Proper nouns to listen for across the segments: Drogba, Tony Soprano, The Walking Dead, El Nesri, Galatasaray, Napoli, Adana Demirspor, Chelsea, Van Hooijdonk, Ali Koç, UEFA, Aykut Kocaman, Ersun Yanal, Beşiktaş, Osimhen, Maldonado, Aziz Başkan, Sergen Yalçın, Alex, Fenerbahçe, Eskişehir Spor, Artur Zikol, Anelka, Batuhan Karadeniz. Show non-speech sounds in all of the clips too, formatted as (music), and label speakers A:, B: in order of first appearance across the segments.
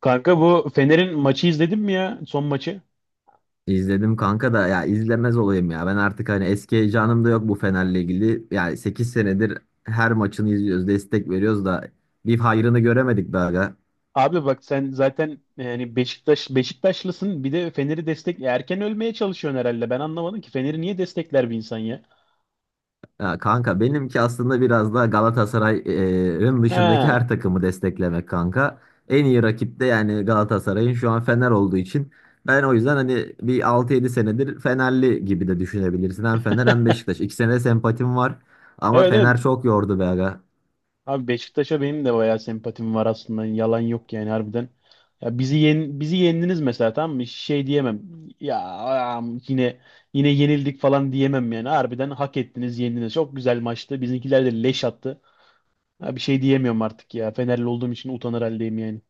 A: Kanka bu Fener'in maçı izledin mi ya? Son maçı.
B: İzledim kanka da ya izlemez olayım ya. Ben artık hani eski heyecanım da yok bu Fener'le ilgili. Yani 8 senedir her maçını izliyoruz, destek veriyoruz da bir hayrını göremedik daha. Ya.
A: Abi bak sen zaten yani Beşiktaşlısın. Bir de Fener'i destek erken ölmeye çalışıyorsun herhalde. Ben anlamadım ki Fener'i niye destekler bir insan ya?
B: Ya, kanka benimki aslında biraz da Galatasaray'ın dışındaki
A: Ha.
B: her takımı desteklemek kanka. En iyi rakip de yani Galatasaray'ın şu an Fener olduğu için ben o yüzden hani bir 6-7 senedir Fenerli gibi de düşünebilirsin. Hem Fener hem Beşiktaş. İkisine de sempatim var. Ama
A: Evet evet.
B: Fener çok yordu be aga.
A: Abi Beşiktaş'a benim de bayağı sempatim var aslında. Yalan yok yani harbiden. Ya bizi yendiniz mesela tamam mı? Şey diyemem. Ya am, yine yine yenildik falan diyemem yani. Harbiden hak ettiniz, yendiniz. Çok güzel maçtı. Bizimkiler de leş attı. Ha, bir şey diyemiyorum artık ya. Fenerli olduğum için utanır haldeyim yani.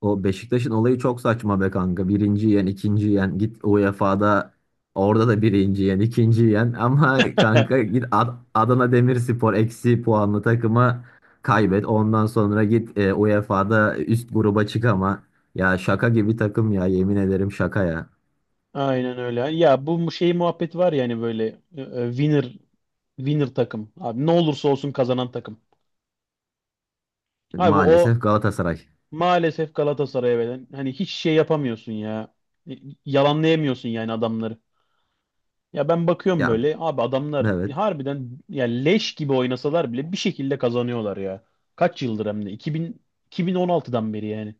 B: O Beşiktaş'ın olayı çok saçma be kanka. Birinci yen, ikinci yen. Git UEFA'da orada da birinci yen, ikinci yen. Ama kanka
A: (laughs)
B: git Adana Demirspor eksi puanlı takıma kaybet. Ondan sonra git UEFA'da üst gruba çık ama. Ya, şaka gibi takım ya, yemin ederim şaka ya.
A: Aynen öyle. Ya şey muhabbet var yani böyle e, e, winner winner takım. Abi ne olursa olsun kazanan takım. Abi o
B: Maalesef Galatasaray.
A: maalesef Galatasaray'a veren hani hiç şey yapamıyorsun ya. Y- Yalanlayamıyorsun yani adamları. Ya ben bakıyorum
B: Ya,
A: böyle abi adamlar
B: evet.
A: harbiden ya leş gibi oynasalar bile bir şekilde kazanıyorlar ya. Kaç yıldır hem de 2000 2016'dan beri yani.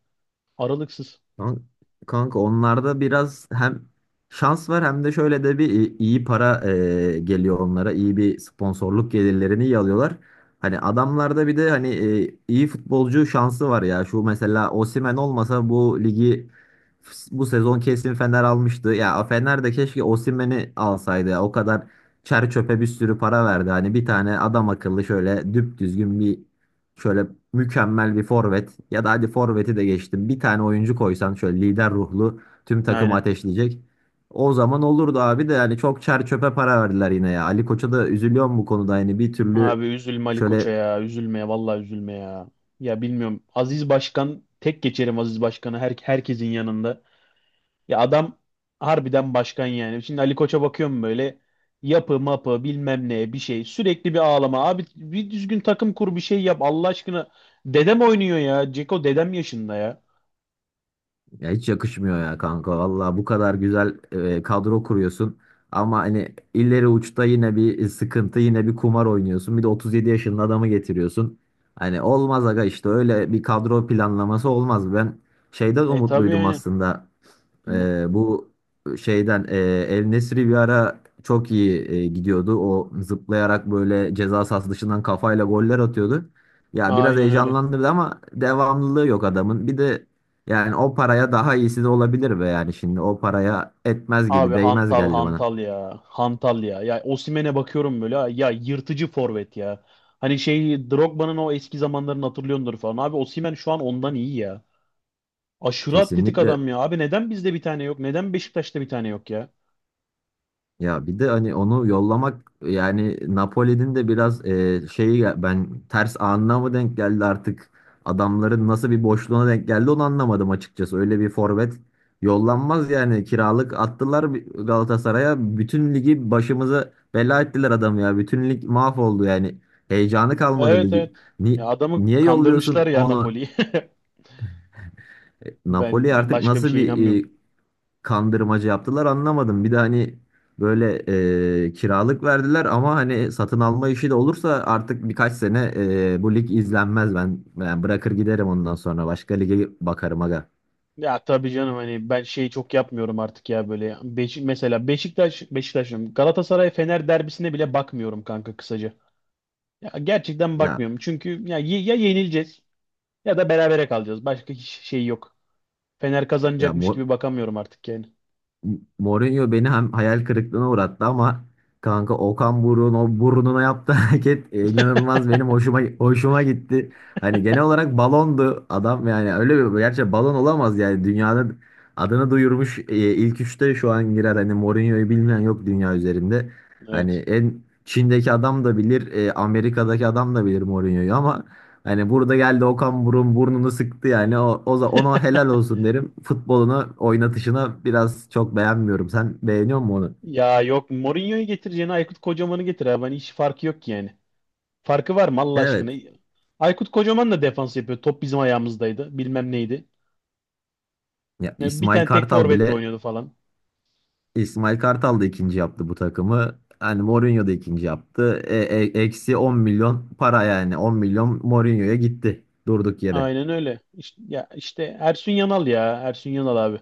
A: Aralıksız.
B: Kan- Kanka onlarda biraz hem şans var hem de şöyle de bir iyi para geliyor onlara. İyi bir sponsorluk gelirlerini iyi alıyorlar. Hani adamlarda bir de hani iyi futbolcu şansı var ya. Şu mesela Osimhen olmasa bu sezon kesin Fener almıştı. Ya Fener de keşke Osimhen'i alsaydı ya. O kadar çer çöpe bir sürü para verdi. Hani bir tane adam akıllı şöyle düp düzgün şöyle mükemmel bir forvet ya da hadi forveti de geçtim. Bir tane oyuncu koysan şöyle lider ruhlu tüm takımı
A: Aynen.
B: ateşleyecek. O zaman olurdu abi de yani çok çer çöpe para verdiler yine ya. Ali Koç'a da üzülüyorum bu konuda yani bir
A: Abi
B: türlü
A: üzülme Ali Koç'a
B: şöyle
A: ya. Üzülme ya. Vallahi üzülme ya. Ya bilmiyorum. Aziz Başkan tek geçerim Aziz Başkan'ı herkesin yanında. Ya adam harbiden başkan yani. Şimdi Ali Koç'a bakıyorum böyle yapı mapı bilmem ne bir şey. Sürekli bir ağlama. Abi bir düzgün takım kur bir şey yap Allah aşkına. Dedem oynuyor ya. Ceko dedem yaşında ya.
B: ya hiç yakışmıyor ya kanka. Valla bu kadar güzel kadro kuruyorsun. Ama hani ileri uçta yine bir sıkıntı yine bir kumar oynuyorsun. Bir de 37 yaşında adamı getiriyorsun. Hani olmaz aga işte öyle bir kadro planlaması olmaz. Ben şeyden
A: E tabii
B: umutluydum
A: yani.
B: aslında.
A: Kimden?
B: Bu şeyden El Nesri bir ara çok iyi gidiyordu. O zıplayarak böyle ceza sahası dışından kafayla goller atıyordu. Ya biraz
A: Aynen öyle.
B: heyecanlandırdı ama devamlılığı yok adamın. Bir de yani o paraya daha iyisi de olabilir be yani şimdi o paraya etmez
A: Abi
B: gibi değmez
A: hantal
B: geldi bana.
A: hantal ya. Hantal ya. Ya Osimhen'e bakıyorum böyle. Ha, ya yırtıcı forvet ya. Hani şey Drogba'nın o eski zamanlarını hatırlıyordur falan. Abi Osimhen şu an ondan iyi ya. Aşırı atletik
B: Kesinlikle.
A: adam ya. Abi neden bizde bir tane yok? Neden Beşiktaş'ta bir tane yok ya?
B: Ya bir de hani onu yollamak yani Napoli'nin de biraz şeyi ben ters anına mı denk geldi artık adamların nasıl bir boşluğuna denk geldi onu anlamadım açıkçası. Öyle bir forvet yollanmaz yani kiralık attılar Galatasaray'a bütün ligi başımıza bela ettiler adam ya. Bütün lig mahvoldu yani heyecanı kalmadı
A: Evet
B: ligin.
A: evet.
B: Ni-
A: Ya adamı
B: niye
A: kandırmışlar
B: yolluyorsun
A: ya
B: onu?
A: Napoli'yi. (laughs) Ben
B: Napoli artık
A: başka bir
B: nasıl
A: şeye
B: bir
A: inanmıyorum.
B: kandırmacı yaptılar anlamadım. Bir de hani böyle kiralık verdiler ama hani satın alma işi de olursa artık birkaç sene bu lig izlenmez ben. Ben bırakır giderim ondan sonra başka lige bakarım aga.
A: Ya tabii canım hani ben şeyi çok yapmıyorum artık ya böyle. Mesela Beşiktaş'ım Galatasaray Fener derbisine bile bakmıyorum kanka kısaca. Ya gerçekten
B: Ya
A: bakmıyorum. Çünkü ya, ya yenileceğiz ya da berabere kalacağız. Başka hiç şey yok. Fener
B: ya
A: kazanacakmış
B: mor,
A: gibi bakamıyorum artık yani.
B: Mourinho beni hem hayal kırıklığına uğrattı ama kanka Okan Buruk'un o burnuna yaptığı (laughs) hareket inanılmaz benim hoşuma hoşuma gitti. Hani genel olarak balondu adam yani öyle bir gerçi balon olamaz yani dünyada adını duyurmuş ilk üçte şu an girer hani Mourinho'yu bilmeyen yok dünya üzerinde. Hani
A: Evet.
B: en Çin'deki adam da bilir, Amerika'daki adam da bilir Mourinho'yu ama hani burada geldi Okan Burun burnunu sıktı yani. Ona helal olsun derim. Futbolunu oynatışına biraz çok beğenmiyorum. Sen beğeniyor musun onu?
A: Ya yok Mourinho'yu getireceğine Aykut Kocaman'ı getir abi. Hani hiç farkı yok ki farkı var mı Allah aşkına?
B: Evet.
A: Aykut Kocaman da defans yapıyor. Top bizim ayağımızdaydı. Bilmem neydi.
B: Ya
A: Ya bir
B: İsmail
A: tane tek
B: Kartal
A: forvetle
B: bile
A: oynuyordu falan.
B: İsmail Kartal da ikinci yaptı bu takımı. Hani Mourinho da ikinci yaptı. Eksi 10 milyon para yani. 10 milyon Mourinho'ya gitti. Durduk yere.
A: Aynen öyle. İşte, ya işte Ersun Yanal ya. Ersun Yanal abi.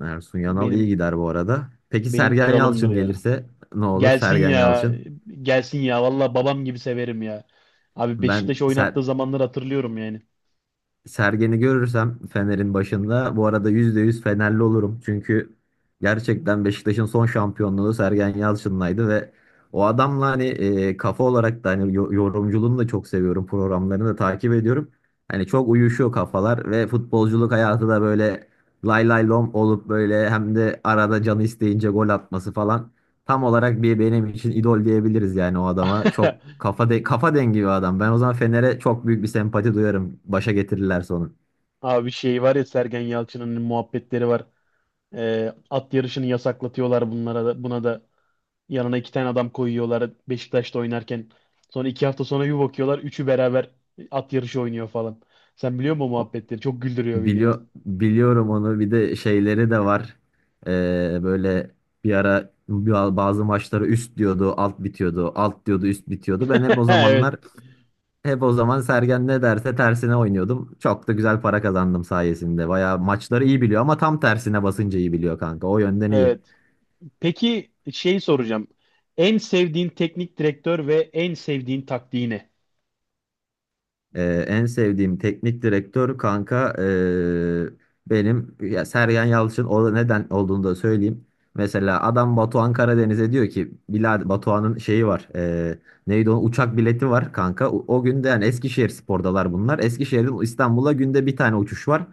B: Ersun Yanal iyi
A: Benim
B: gider bu arada. Peki
A: benim
B: Sergen
A: kralımdır
B: Yalçın
A: ya.
B: gelirse ne olur
A: Gelsin
B: Sergen
A: ya.
B: Yalçın?
A: Gelsin ya. Valla babam gibi severim ya. Abi Beşiktaş
B: Ben Ser
A: oynattığı zamanları hatırlıyorum yani.
B: Sergen'i görürsem Fener'in başında bu arada %100 Fenerli olurum. Çünkü gerçekten Beşiktaş'ın son şampiyonluğu Sergen Yalçın'laydı ve o adamla hani kafa olarak da hani yorumculuğunu da çok seviyorum. Programlarını da takip ediyorum. Hani çok uyuşuyor kafalar ve futbolculuk hayatı da böyle lay lay lom olup böyle hem de arada canı isteyince gol atması falan. Tam olarak bir benim için idol diyebiliriz yani o adama. Çok
A: (laughs)
B: kafa dengi bir adam. Ben o zaman Fener'e çok büyük bir sempati duyarım. Başa getirirlerse onu.
A: Abi şey var ya Sergen Yalçın'ın muhabbetleri var. At yarışını yasaklatıyorlar bunlara da, buna da yanına iki tane adam koyuyorlar Beşiktaş'ta oynarken. Sonra iki hafta sonra bir bakıyorlar üçü beraber at yarışı oynuyor falan. Sen biliyor musun o
B: O-
A: muhabbetleri? Çok güldürüyor beni ya.
B: biliyorum onu. Bir de şeyleri de var. Böyle bir ara bazı maçları üst diyordu, alt bitiyordu. Alt diyordu, üst bitiyordu. Ben
A: (laughs) Evet,
B: hep o zaman Sergen ne derse tersine oynuyordum. Çok da güzel para kazandım sayesinde. Bayağı maçları iyi biliyor ama tam tersine basınca iyi biliyor kanka. O yönden iyi.
A: evet. Peki şey soracağım. En sevdiğin teknik direktör ve en sevdiğin taktiği ne?
B: En sevdiğim teknik direktör kanka benim ya Sergen Yalçın, o neden olduğunu da söyleyeyim. Mesela adam Batuhan Karadeniz'e diyor ki Bilal Batuhan'ın şeyi var. Neydi o, uçak bileti var kanka. O günde yani Eskişehir Spor'dalar bunlar. Eskişehir'den İstanbul'a günde bir tane uçuş var.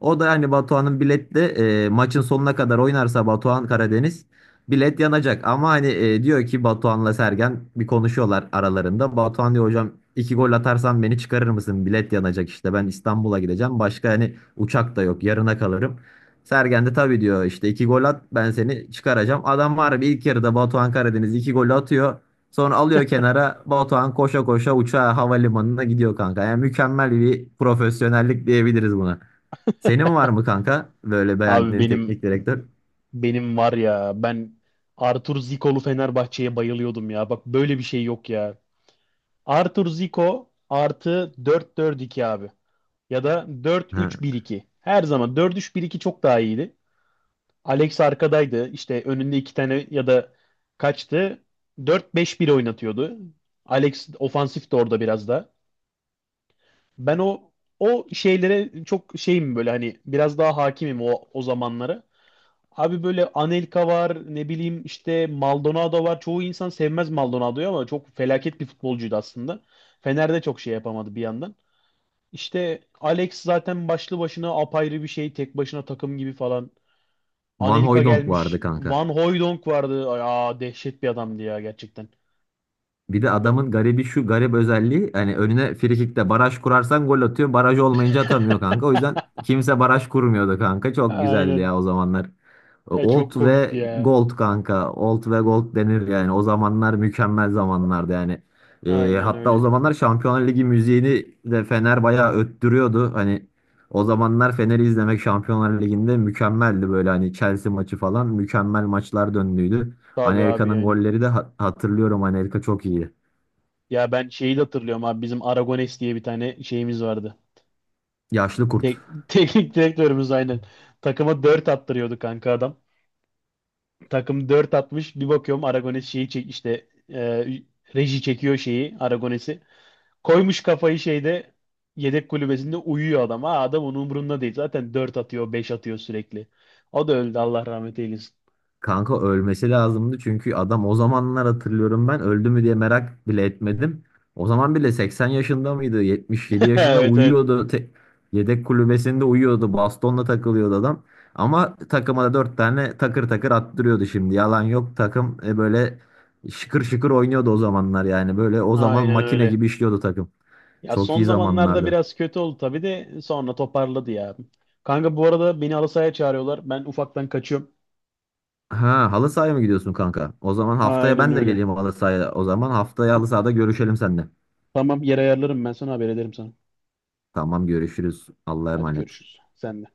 B: O da hani Batuhan'ın biletle maçın sonuna kadar oynarsa Batuhan Karadeniz bilet yanacak ama hani diyor ki Batuhan'la Sergen bir konuşuyorlar aralarında. Batuhan diyor hocam iki gol atarsan beni çıkarır mısın? Bilet yanacak işte ben İstanbul'a gideceğim. Başka hani uçak da yok yarına kalırım. Sergen de tabii diyor işte iki gol at ben seni çıkaracağım. Adam var bir ilk yarıda Batuhan Karadeniz iki gol atıyor. Sonra alıyor kenara Batuhan koşa koşa uçağa havalimanına gidiyor kanka. Yani mükemmel bir profesyonellik diyebiliriz buna. Senin var mı kanka böyle
A: Abi
B: beğendiğin
A: benim
B: teknik direktör?
A: benim var ya ben Artur Zikol'u Fenerbahçe'ye bayılıyordum ya. Bak böyle bir şey yok ya. Arthur Zico artı dört dört iki abi. Ya da dört
B: Ha.
A: üç bir iki. Her zaman dört üç bir iki çok daha iyiydi. Alex arkadaydı. İşte önünde iki tane ya da kaçtı. Dört beş bir oynatıyordu. Alex ofansif de orada biraz da. Ben o şeylere çok şeyim böyle hani biraz daha hakimim o zamanlara. Abi böyle Anelka var ne bileyim işte Maldonado var. Çoğu insan sevmez Maldonado'yu ama çok felaket bir futbolcuydu aslında. Fener'de çok şey yapamadı bir yandan. İşte Alex zaten başlı başına apayrı bir şey. Tek başına takım gibi falan.
B: Van
A: Anelka
B: Hooijdonk
A: gelmiş.
B: vardı kanka.
A: Van Hooijdonk vardı. Aa dehşet bir adamdı ya gerçekten.
B: Bir de adamın garibi şu garip özelliği hani önüne frikikte baraj kurarsan gol atıyor. Baraj olmayınca atamıyor kanka. O yüzden kimse baraj kurmuyordu kanka. Çok güzeldi
A: Aynen.
B: ya o zamanlar.
A: Ya,
B: Old
A: çok komikti
B: ve
A: ya.
B: Gold kanka. Old ve Gold denir yani. O zamanlar mükemmel zamanlardı yani. Ee,
A: Aynen
B: hatta o
A: öyle.
B: zamanlar Şampiyonlar Ligi müziğini de Fener bayağı öttürüyordu. Hani o zamanlar Fener'i izlemek Şampiyonlar Ligi'nde mükemmeldi böyle hani Chelsea maçı falan mükemmel maçlar döndüydü.
A: Tabii abi
B: Anelka'nın
A: aynen.
B: golleri de hatırlıyorum. Anelka çok iyi.
A: Ya ben şeyi de hatırlıyorum abi. Bizim Aragones diye bir tane şeyimiz vardı.
B: Yaşlı kurt.
A: (laughs) Teknik direktörümüz aynen. Takıma 4 attırıyordu kanka adam. Takım 4 atmış. Bir bakıyorum Aragones şeyi çek işte reji çekiyor şeyi Aragones'i. Koymuş kafayı şeyde yedek kulübesinde uyuyor adam. Ha, adam onun umurunda değil. Zaten 4 atıyor, 5 atıyor sürekli. O da öldü Allah rahmet eylesin.
B: Kanka ölmesi lazımdı çünkü adam o zamanlar hatırlıyorum ben öldü mü diye merak bile etmedim. O zaman bile 80 yaşında mıydı? 77
A: (laughs)
B: yaşında
A: Evet evet.
B: uyuyordu. Yedek kulübesinde uyuyordu. Bastonla takılıyordu adam. Ama takıma da 4 tane takır takır attırıyordu şimdi. Yalan yok takım böyle şıkır şıkır oynuyordu o zamanlar yani. Böyle o zaman
A: Aynen
B: makine
A: öyle.
B: gibi işliyordu takım.
A: Ya
B: Çok
A: son
B: iyi
A: zamanlarda
B: zamanlardı.
A: biraz kötü oldu tabii de sonra toparladı ya. Kanka bu arada beni halı sahaya çağırıyorlar. Ben ufaktan kaçıyorum.
B: Ha, halı sahaya mı gidiyorsun kanka? O zaman haftaya
A: Aynen
B: ben de
A: öyle.
B: geleyim halı sahaya. O zaman haftaya halı sahada görüşelim seninle.
A: Tamam yer ayarlarım ben sana haber ederim sana.
B: Tamam görüşürüz. Allah'a
A: Hadi
B: emanet.
A: görüşürüz. Sen de.